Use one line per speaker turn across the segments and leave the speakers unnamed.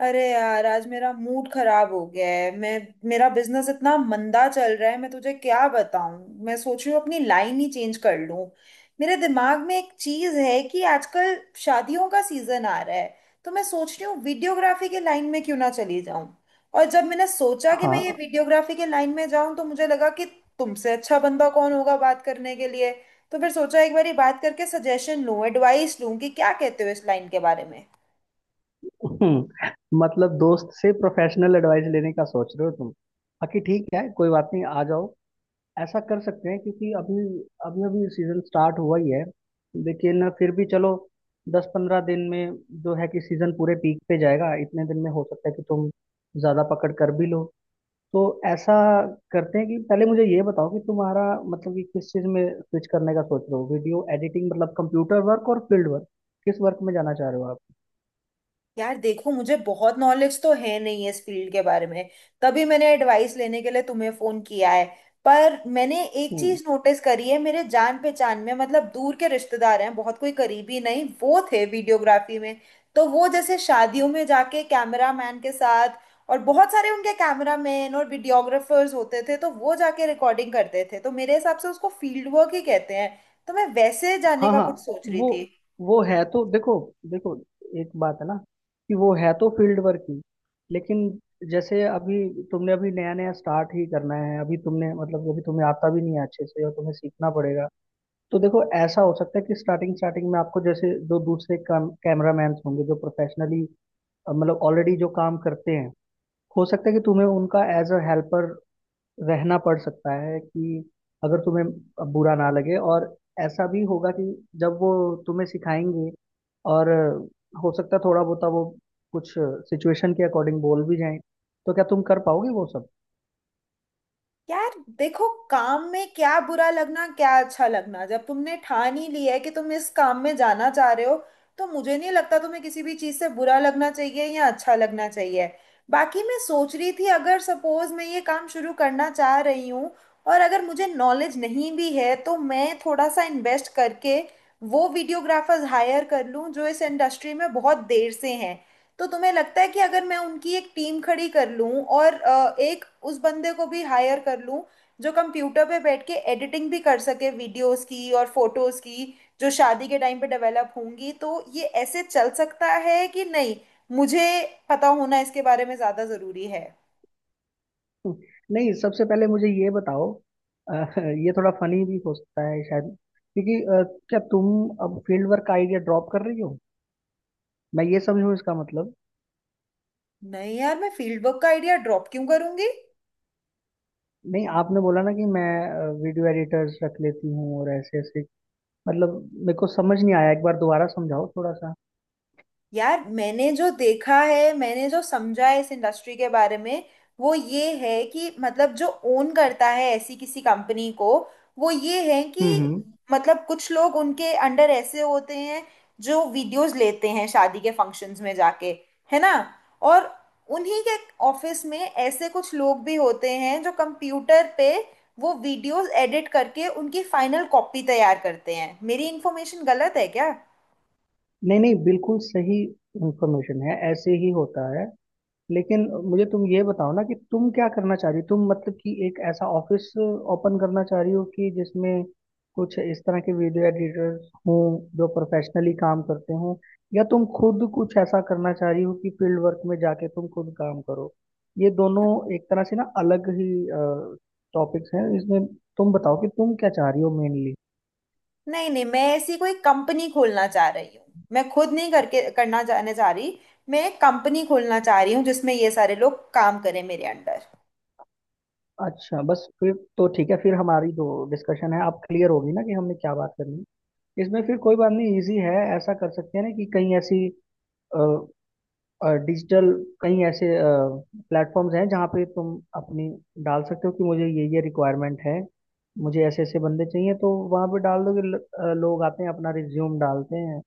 अरे यार आज मेरा मूड खराब हो गया है। मैं मेरा बिजनेस इतना मंदा चल रहा है, मैं तुझे क्या बताऊं। मैं सोच रही हूँ अपनी लाइन ही चेंज कर लूं। मेरे दिमाग में एक चीज है कि आजकल शादियों का सीजन आ रहा है। तो मैं सोच रही हूँ वीडियोग्राफी के लाइन में क्यों ना चली जाऊं। और जब मैंने सोचा कि मैं ये
हाँ।
वीडियोग्राफी के लाइन में जाऊं तो मुझे लगा कि तुमसे अच्छा बंदा कौन होगा बात करने के लिए। तो फिर सोचा एक बारी बात करके सजेशन लूं, एडवाइस लूं कि क्या कहते हो इस लाइन के बारे में।
मतलब दोस्त से प्रोफेशनल एडवाइस लेने का सोच रहे हो तुम। बाकी ठीक है, कोई बात नहीं, आ जाओ। ऐसा कर सकते हैं क्योंकि अभी अभी अभी सीजन स्टार्ट हुआ ही है। लेकिन फिर भी चलो, 10 15 दिन में जो है कि सीजन पूरे पीक पे जाएगा, इतने दिन में हो सकता है कि तुम ज्यादा पकड़ कर भी लो। तो ऐसा करते हैं कि पहले मुझे ये बताओ कि तुम्हारा मतलब कि किस चीज में स्विच करने का सोच रहे हो। वीडियो एडिटिंग मतलब कंप्यूटर वर्क और फील्ड वर्क, किस वर्क में जाना चाह रहे हो आप।
यार देखो, मुझे बहुत नॉलेज तो है नहीं इस फील्ड के बारे में। तभी मैंने एडवाइस लेने के लिए तुम्हें फोन किया है। पर मैंने एक
हम्म।
चीज नोटिस करी है, मेरे जान पहचान में, मतलब दूर के रिश्तेदार हैं, बहुत कोई करीबी नहीं, वो थे वीडियोग्राफी में। तो वो जैसे शादियों में जाके कैमरा मैन के साथ, और बहुत सारे उनके कैमरा मैन और वीडियोग्राफर्स होते थे, तो वो जाके रिकॉर्डिंग करते थे, तो मेरे हिसाब से उसको फील्ड वर्क ही कहते हैं। तो मैं वैसे जाने
हाँ
का
हाँ।
कुछ सोच रही
वो
थी।
वो है तो देखो, देखो, एक बात है ना कि वो है तो फील्ड वर्क ही, लेकिन जैसे अभी तुमने अभी नया नया स्टार्ट ही करना है। अभी तुमने मतलब अभी तुम्हें आता भी नहीं है अच्छे से और तुम्हें सीखना पड़ेगा। तो देखो, ऐसा हो सकता है कि स्टार्टिंग स्टार्टिंग में आपको जैसे जो दूसरे काम कैमरामैन होंगे जो प्रोफेशनली मतलब ऑलरेडी जो काम करते हैं, हो सकता है कि तुम्हें उनका एज अ हेल्पर रहना पड़ सकता है कि अगर तुम्हें बुरा ना लगे। और ऐसा भी होगा कि जब वो तुम्हें सिखाएंगे और हो सकता है थोड़ा बहुत वो कुछ सिचुएशन के अकॉर्डिंग बोल भी जाएं, तो क्या तुम कर पाओगे वो सब।
यार देखो, काम में क्या बुरा लगना क्या अच्छा लगना, जब तुमने ठान ही लिया है कि तुम इस काम में जाना चाह रहे हो तो मुझे नहीं लगता तुम्हें किसी भी चीज़ से बुरा लगना चाहिए या अच्छा लगना चाहिए। बाकी मैं सोच रही थी अगर सपोज मैं ये काम शुरू करना चाह रही हूँ, और अगर मुझे नॉलेज नहीं भी है तो मैं थोड़ा सा इन्वेस्ट करके वो वीडियोग्राफर्स हायर कर लूँ जो इस इंडस्ट्री में बहुत देर से हैं। तो तुम्हें लगता है कि अगर मैं उनकी एक टीम खड़ी कर लूं और एक उस बंदे को भी हायर कर लूं जो कंप्यूटर पे बैठ के एडिटिंग भी कर सके वीडियोस की और फोटोज की, जो शादी के टाइम पे डेवलप होंगी, तो ये ऐसे चल सकता है कि नहीं। मुझे पता होना इसके बारे में ज़्यादा ज़रूरी है।
नहीं, सबसे पहले मुझे ये बताओ। ये थोड़ा फनी भी हो सकता है शायद, क्योंकि क्या तुम अब फील्ड वर्क का आइडिया ड्रॉप कर रही हो, मैं ये समझूं इसका मतलब।
नहीं यार, मैं फील्ड वर्क का आइडिया ड्रॉप क्यों करूंगी।
नहीं, आपने बोला ना कि मैं वीडियो एडिटर्स रख लेती हूँ और ऐसे ऐसे, मतलब मेरे को समझ नहीं आया, एक बार दोबारा समझाओ थोड़ा सा।
यार, मैंने जो देखा है, मैंने जो समझा है इस इंडस्ट्री के बारे में, वो ये है कि मतलब जो ओन करता है ऐसी किसी कंपनी को, वो ये है कि
हम्म।
मतलब कुछ लोग उनके अंडर ऐसे होते हैं जो वीडियोस लेते हैं शादी के फंक्शंस में जाके, है ना। और उन्हीं के ऑफिस में ऐसे कुछ लोग भी होते हैं जो कंप्यूटर पे वो वीडियोस एडिट करके उनकी फाइनल कॉपी तैयार करते हैं। मेरी इन्फॉर्मेशन गलत है क्या?
नहीं नहीं, बिल्कुल सही इंफॉर्मेशन है, ऐसे ही होता है। लेकिन मुझे तुम ये बताओ ना कि तुम क्या करना चाह रही हो। तुम मतलब कि एक ऐसा ऑफिस ओपन करना चाह रही हो कि जिसमें कुछ इस तरह के वीडियो एडिटर्स हों जो प्रोफेशनली काम करते हों, या तुम खुद कुछ ऐसा करना चाह रही हो कि फील्ड वर्क में जाके तुम खुद काम करो। ये दोनों एक तरह से ना अलग ही टॉपिक्स हैं इसमें। तुम बताओ कि तुम क्या चाह रही हो मेनली।
नहीं नहीं, मैं ऐसी कोई कंपनी खोलना चाह रही हूँ, मैं खुद नहीं करके करना जाने जा रही। मैं एक कंपनी खोलना चाह रही हूँ जिसमें ये सारे लोग काम करें मेरे अंडर।
अच्छा, बस फिर तो ठीक है, फिर हमारी जो डिस्कशन है अब क्लियर होगी ना कि हमने क्या बात करनी है। इसमें फिर कोई बात नहीं, इजी है। ऐसा कर सकते हैं ना कि कहीं ऐसी डिजिटल, कहीं ऐसे प्लेटफॉर्म्स हैं जहाँ पे तुम अपनी डाल सकते हो कि मुझे ये रिक्वायरमेंट है, मुझे ऐसे ऐसे बंदे चाहिए, तो वहाँ पे डाल दोगे। लोग आते हैं अपना रिज्यूम डालते हैं,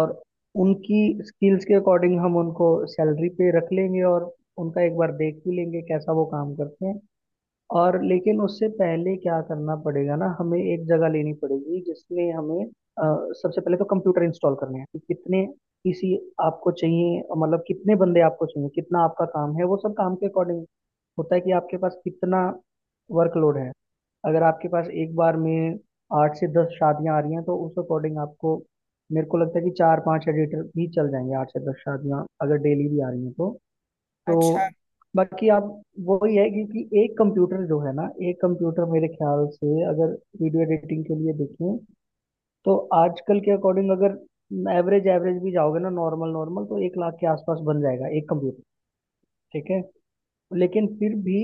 और उनकी स्किल्स के अकॉर्डिंग हम उनको सैलरी पे रख लेंगे और उनका एक बार देख भी लेंगे कैसा वो काम करते हैं। और लेकिन उससे पहले क्या करना पड़ेगा ना, हमें एक जगह लेनी पड़ेगी जिसमें हमें सबसे पहले तो कंप्यूटर इंस्टॉल करने हैं कि कितने पीसी आपको चाहिए, मतलब कितने बंदे आपको चाहिए, कितना आपका काम है। वो सब काम के अकॉर्डिंग होता है कि आपके पास कितना वर्कलोड है। अगर आपके पास एक बार में 8 से 10 शादियां आ रही हैं तो उस अकॉर्डिंग आपको, मेरे को लगता है कि 4 5 एडिटर भी चल जाएंगे, 8 से 10 शादियां अगर डेली भी आ रही हैं तो। तो
अच्छा।
बाकी आप वही है क्योंकि एक कंप्यूटर जो है ना, एक कंप्यूटर मेरे ख्याल से अगर वीडियो एडिटिंग के लिए देखें, तो आजकल के अकॉर्डिंग अगर एवरेज एवरेज भी जाओगे ना नॉर्मल नॉर्मल, तो 1 लाख के आसपास बन जाएगा एक कंप्यूटर, ठीक है। लेकिन फिर भी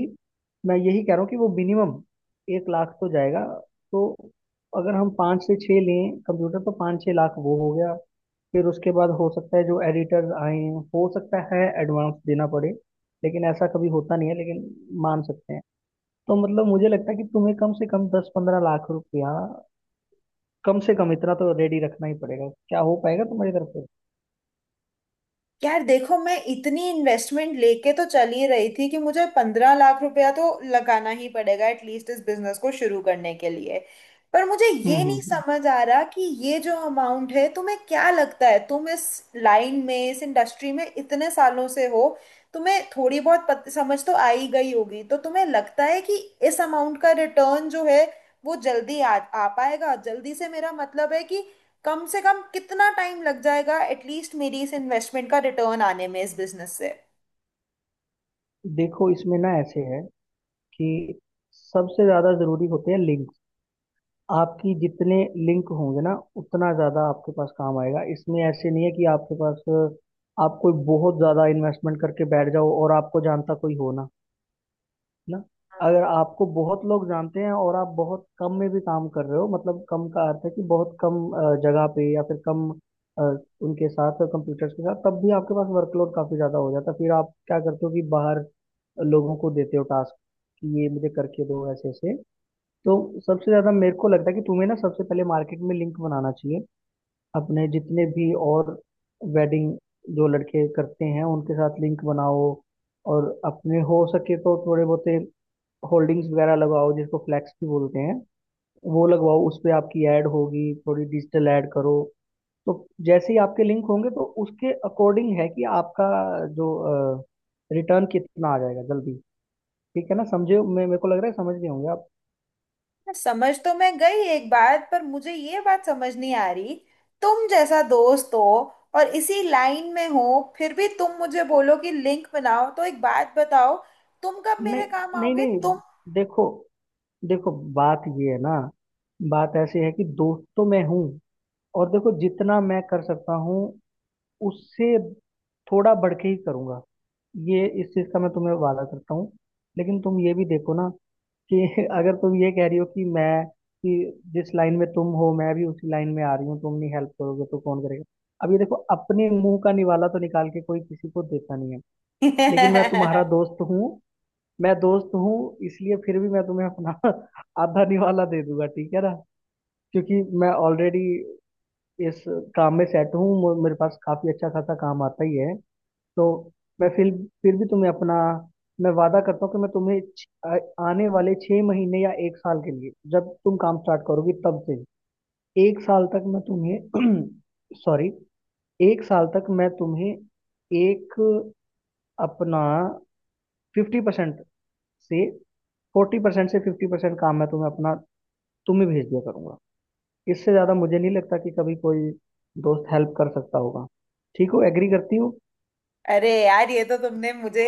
मैं यही कह रहा हूँ कि वो मिनिमम 1 लाख तो जाएगा। तो अगर हम 5 से 6 लें कंप्यूटर, तो 5 6 लाख वो हो गया। फिर उसके बाद हो सकता है जो एडिटर्स आए हैं हो सकता है एडवांस देना पड़े, लेकिन ऐसा कभी होता नहीं है, लेकिन मान सकते हैं। तो मतलब मुझे लगता है कि तुम्हें कम से कम 10 15 लाख रुपया, कम से कम इतना तो रेडी रखना ही पड़ेगा। क्या हो पाएगा तुम्हारी तरफ से।
यार देखो, मैं इतनी इन्वेस्टमेंट लेके तो चल ही रही थी कि मुझे 15 लाख रुपया तो लगाना ही पड़ेगा एटलीस्ट इस बिजनेस को शुरू करने के लिए। पर मुझे
हम्म
ये
हम्म
नहीं
हम्म।
समझ आ रहा कि ये जो अमाउंट है, तुम्हें क्या लगता है? तुम इस लाइन में, इस इंडस्ट्री में इतने सालों से हो, तुम्हें थोड़ी बहुत समझ तो आ ही गई होगी, तो तुम्हें लगता है कि इस अमाउंट का रिटर्न जो है वो जल्दी आ पाएगा जल्दी से? मेरा मतलब है कि कम से कम कितना टाइम लग जाएगा एटलीस्ट मेरी इस इन्वेस्टमेंट का रिटर्न आने में इस बिजनेस से।
देखो इसमें ना ऐसे है कि सबसे ज्यादा जरूरी होते हैं लिंक्स। आपकी जितने लिंक होंगे ना उतना ज़्यादा आपके पास काम आएगा। इसमें ऐसे नहीं है कि आपके पास, आप कोई बहुत ज़्यादा इन्वेस्टमेंट करके बैठ जाओ और आपको जानता कोई हो ना, है ना।
हम्म,
अगर आपको बहुत लोग जानते हैं और आप बहुत कम में भी काम कर रहे हो, मतलब कम का अर्थ है कि बहुत कम जगह पे या फिर कम अ, उनके साथ कंप्यूटर्स के साथ, तब भी आपके पास वर्कलोड काफ़ी ज़्यादा हो जाता है। फिर आप क्या करते हो कि बाहर लोगों को देते हो टास्क कि ये मुझे करके दो ऐसे ऐसे। तो सबसे ज्यादा मेरे को लगता है कि तुम्हें ना सबसे पहले मार्केट में लिंक बनाना चाहिए, अपने जितने भी और वेडिंग जो लड़के करते हैं उनके साथ लिंक बनाओ। और अपने हो सके तो थोड़े बहुत होल्डिंग्स वगैरह लगाओ, जिसको फ्लैक्स भी बोलते हैं, वो लगवाओ, उस पे आपकी ऐड होगी, थोड़ी डिजिटल ऐड करो। तो जैसे ही आपके लिंक होंगे तो उसके अकॉर्डिंग है कि आपका जो रिटर्न कितना आ जाएगा जल्दी। ठीक है ना, समझे। मैं, मेरे को लग रहा है समझ गए होंगे आप।
समझ तो मैं गई एक बात, पर मुझे ये बात समझ नहीं आ रही। तुम जैसा दोस्त हो और इसी लाइन में हो, फिर भी तुम मुझे बोलो कि लिंक बनाओ, तो एक बात बताओ, तुम कब
नहीं
मेरे काम
नहीं
आओगे
नहीं,
तुम?
देखो, देखो, बात ये है ना, बात ऐसी है कि दोस्त तो मैं हूँ, और देखो जितना मैं कर सकता हूँ उससे थोड़ा बढ़ के ही करूँगा, ये इस चीज़ का मैं तुम्हें वादा करता हूँ। लेकिन तुम ये भी देखो ना कि अगर तुम ये कह रही हो कि मैं, कि जिस लाइन में तुम हो मैं भी उसी लाइन में आ रही हूँ, तुम नहीं हेल्प करोगे तो कौन करेगा। अब ये देखो, अपने मुंह का निवाला तो निकाल के कोई किसी को देता नहीं है, लेकिन मैं तुम्हारा दोस्त हूँ, मैं दोस्त हूँ, इसलिए फिर भी मैं तुम्हें अपना आधा निवाला दे दूंगा, ठीक है ना। क्योंकि मैं ऑलरेडी इस काम में सेट हूँ, मेरे पास काफी अच्छा खासा काम आता ही है। तो मैं फिर भी तुम्हें अपना, मैं वादा करता हूँ कि मैं तुम्हें आने वाले 6 महीने या 1 साल के लिए, जब तुम काम स्टार्ट करोगी तब से 1 साल तक मैं तुम्हें सॉरी, 1 साल तक मैं तुम्हें एक अपना 50% से, 40% से 50% काम मैं तुम्हें अपना, तुम ही भेज दिया करूंगा। इससे ज्यादा मुझे नहीं लगता कि कभी कोई दोस्त हेल्प कर सकता होगा। ठीक हो, एग्री करती हो।
अरे यार, ये तो तुमने मुझे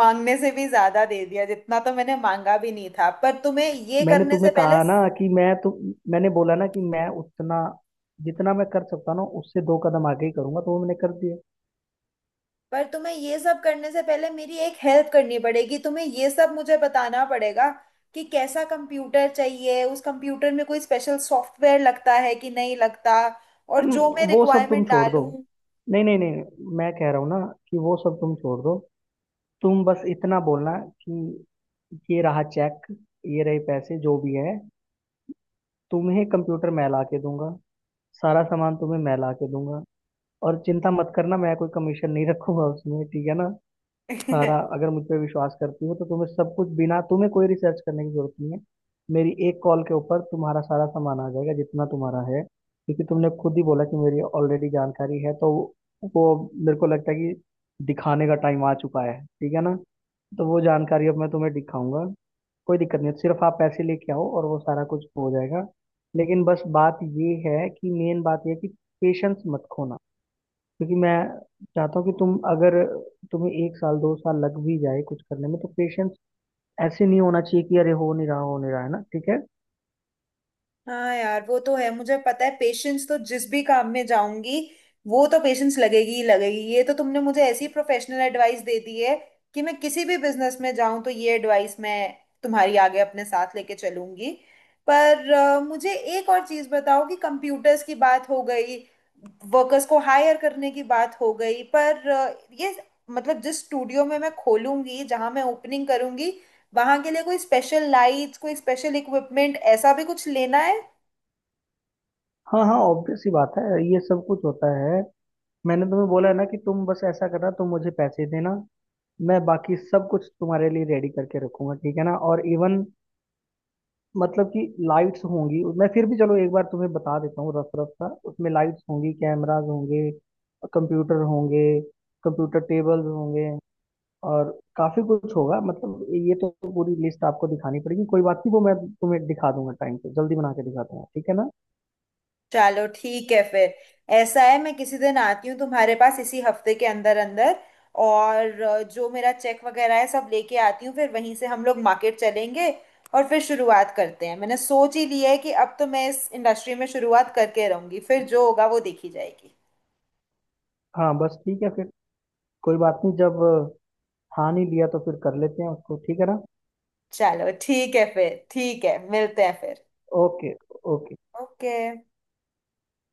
मांगने से भी ज्यादा दे दिया, जितना तो मैंने मांगा भी नहीं था।
मैंने तुम्हें कहा ना कि मैं तुम, मैंने बोला ना कि मैं उतना, जितना मैं कर सकता ना उससे 2 कदम आगे ही करूंगा, तो वो मैंने कर दिया।
पर तुम्हें ये सब करने से पहले मेरी एक हेल्प करनी पड़ेगी, तुम्हें ये सब मुझे बताना पड़ेगा कि कैसा कंप्यूटर चाहिए, उस कंप्यूटर में कोई स्पेशल सॉफ्टवेयर लगता है कि नहीं लगता, और जो मैं
वो सब तुम
रिक्वायरमेंट
छोड़ दो,
डालूं।
नहीं नहीं नहीं, मैं कह रहा हूँ ना कि वो सब तुम छोड़ दो। तुम बस इतना बोलना कि ये रहा चेक, ये रहे पैसे जो भी है, तुम्हें कंप्यूटर मैं ला के दूंगा, सारा सामान तुम्हें मैं ला के दूंगा। और चिंता मत करना, मैं कोई कमीशन नहीं रखूंगा उसमें, ठीक है ना। सारा, अगर मुझ पे विश्वास करती हो तो तुम्हें सब कुछ, बिना तुम्हें कोई रिसर्च करने की जरूरत नहीं है, मेरी एक कॉल के ऊपर तुम्हारा सारा सामान आ जाएगा जितना तुम्हारा है। क्योंकि तुमने खुद ही बोला कि मेरी ऑलरेडी जानकारी है, तो वो, मेरे को लगता है कि दिखाने का टाइम आ चुका है, ठीक है ना। तो वो जानकारी अब मैं तुम्हें दिखाऊंगा। कोई दिक्कत नहीं है, सिर्फ आप पैसे लेके आओ और वो सारा कुछ हो जाएगा। लेकिन बस बात ये है कि मेन बात ये है कि पेशेंस मत खोना, क्योंकि मैं चाहता हूँ कि तुम, अगर तुम्हें 1 साल 2 साल लग भी जाए कुछ करने में, तो पेशेंस ऐसे नहीं होना चाहिए कि अरे हो नहीं रहा, हो नहीं रहा, है ना, ठीक है।
हाँ यार, वो तो है, मुझे पता है पेशेंस तो जिस भी काम में जाऊंगी वो तो पेशेंस लगेगी ही लगेगी। ये तो तुमने मुझे ऐसी प्रोफेशनल एडवाइस दे दी है कि मैं किसी भी बिजनेस में जाऊं तो ये एडवाइस मैं तुम्हारी, आगे अपने साथ लेके चलूंगी। पर मुझे एक और चीज बताओ कि कंप्यूटर्स की बात हो गई, वर्कर्स को हायर करने की बात हो गई, पर ये मतलब जिस स्टूडियो में मैं खोलूंगी, जहां मैं ओपनिंग करूंगी, वहां के लिए कोई स्पेशल लाइट्स, कोई स्पेशल इक्विपमेंट ऐसा भी कुछ लेना है?
हाँ हाँ, ऑब्वियस सी बात है, ये सब कुछ होता है। मैंने तुम्हें बोला है ना कि तुम बस ऐसा करना, तुम मुझे पैसे देना, मैं बाकी सब कुछ तुम्हारे लिए रेडी करके रखूंगा, ठीक है ना। और इवन मतलब कि लाइट्स होंगी, मैं फिर भी चलो एक बार तुम्हें बता देता हूँ रफ रफ सा, उसमें लाइट्स होंगी, कैमराज होंगे, कंप्यूटर होंगे, कंप्यूटर टेबल्स होंगे, और काफी कुछ होगा। मतलब ये तो पूरी लिस्ट आपको दिखानी पड़ेगी, कोई बात नहीं, वो मैं तुम्हें दिखा दूंगा टाइम पे, जल्दी बना के दिखा दूंगा, ठीक है ना।
चलो ठीक है फिर। ऐसा है, मैं किसी दिन आती हूँ तुम्हारे पास इसी हफ्ते के अंदर अंदर, और जो मेरा चेक वगैरह है सब लेके आती हूँ, फिर वहीं से हम लोग मार्केट चलेंगे। और फिर शुरुआत करते हैं। मैंने सोच ही लिया है कि अब तो मैं इस इंडस्ट्री में शुरुआत करके रहूंगी, फिर जो होगा वो देखी जाएगी।
हाँ, बस ठीक है फिर, कोई बात नहीं, जब ठान ही लिया तो फिर कर लेते हैं उसको, ठीक है ना।
चलो ठीक है फिर, ठीक है, मिलते हैं फिर।
ओके। ओके।
ओके।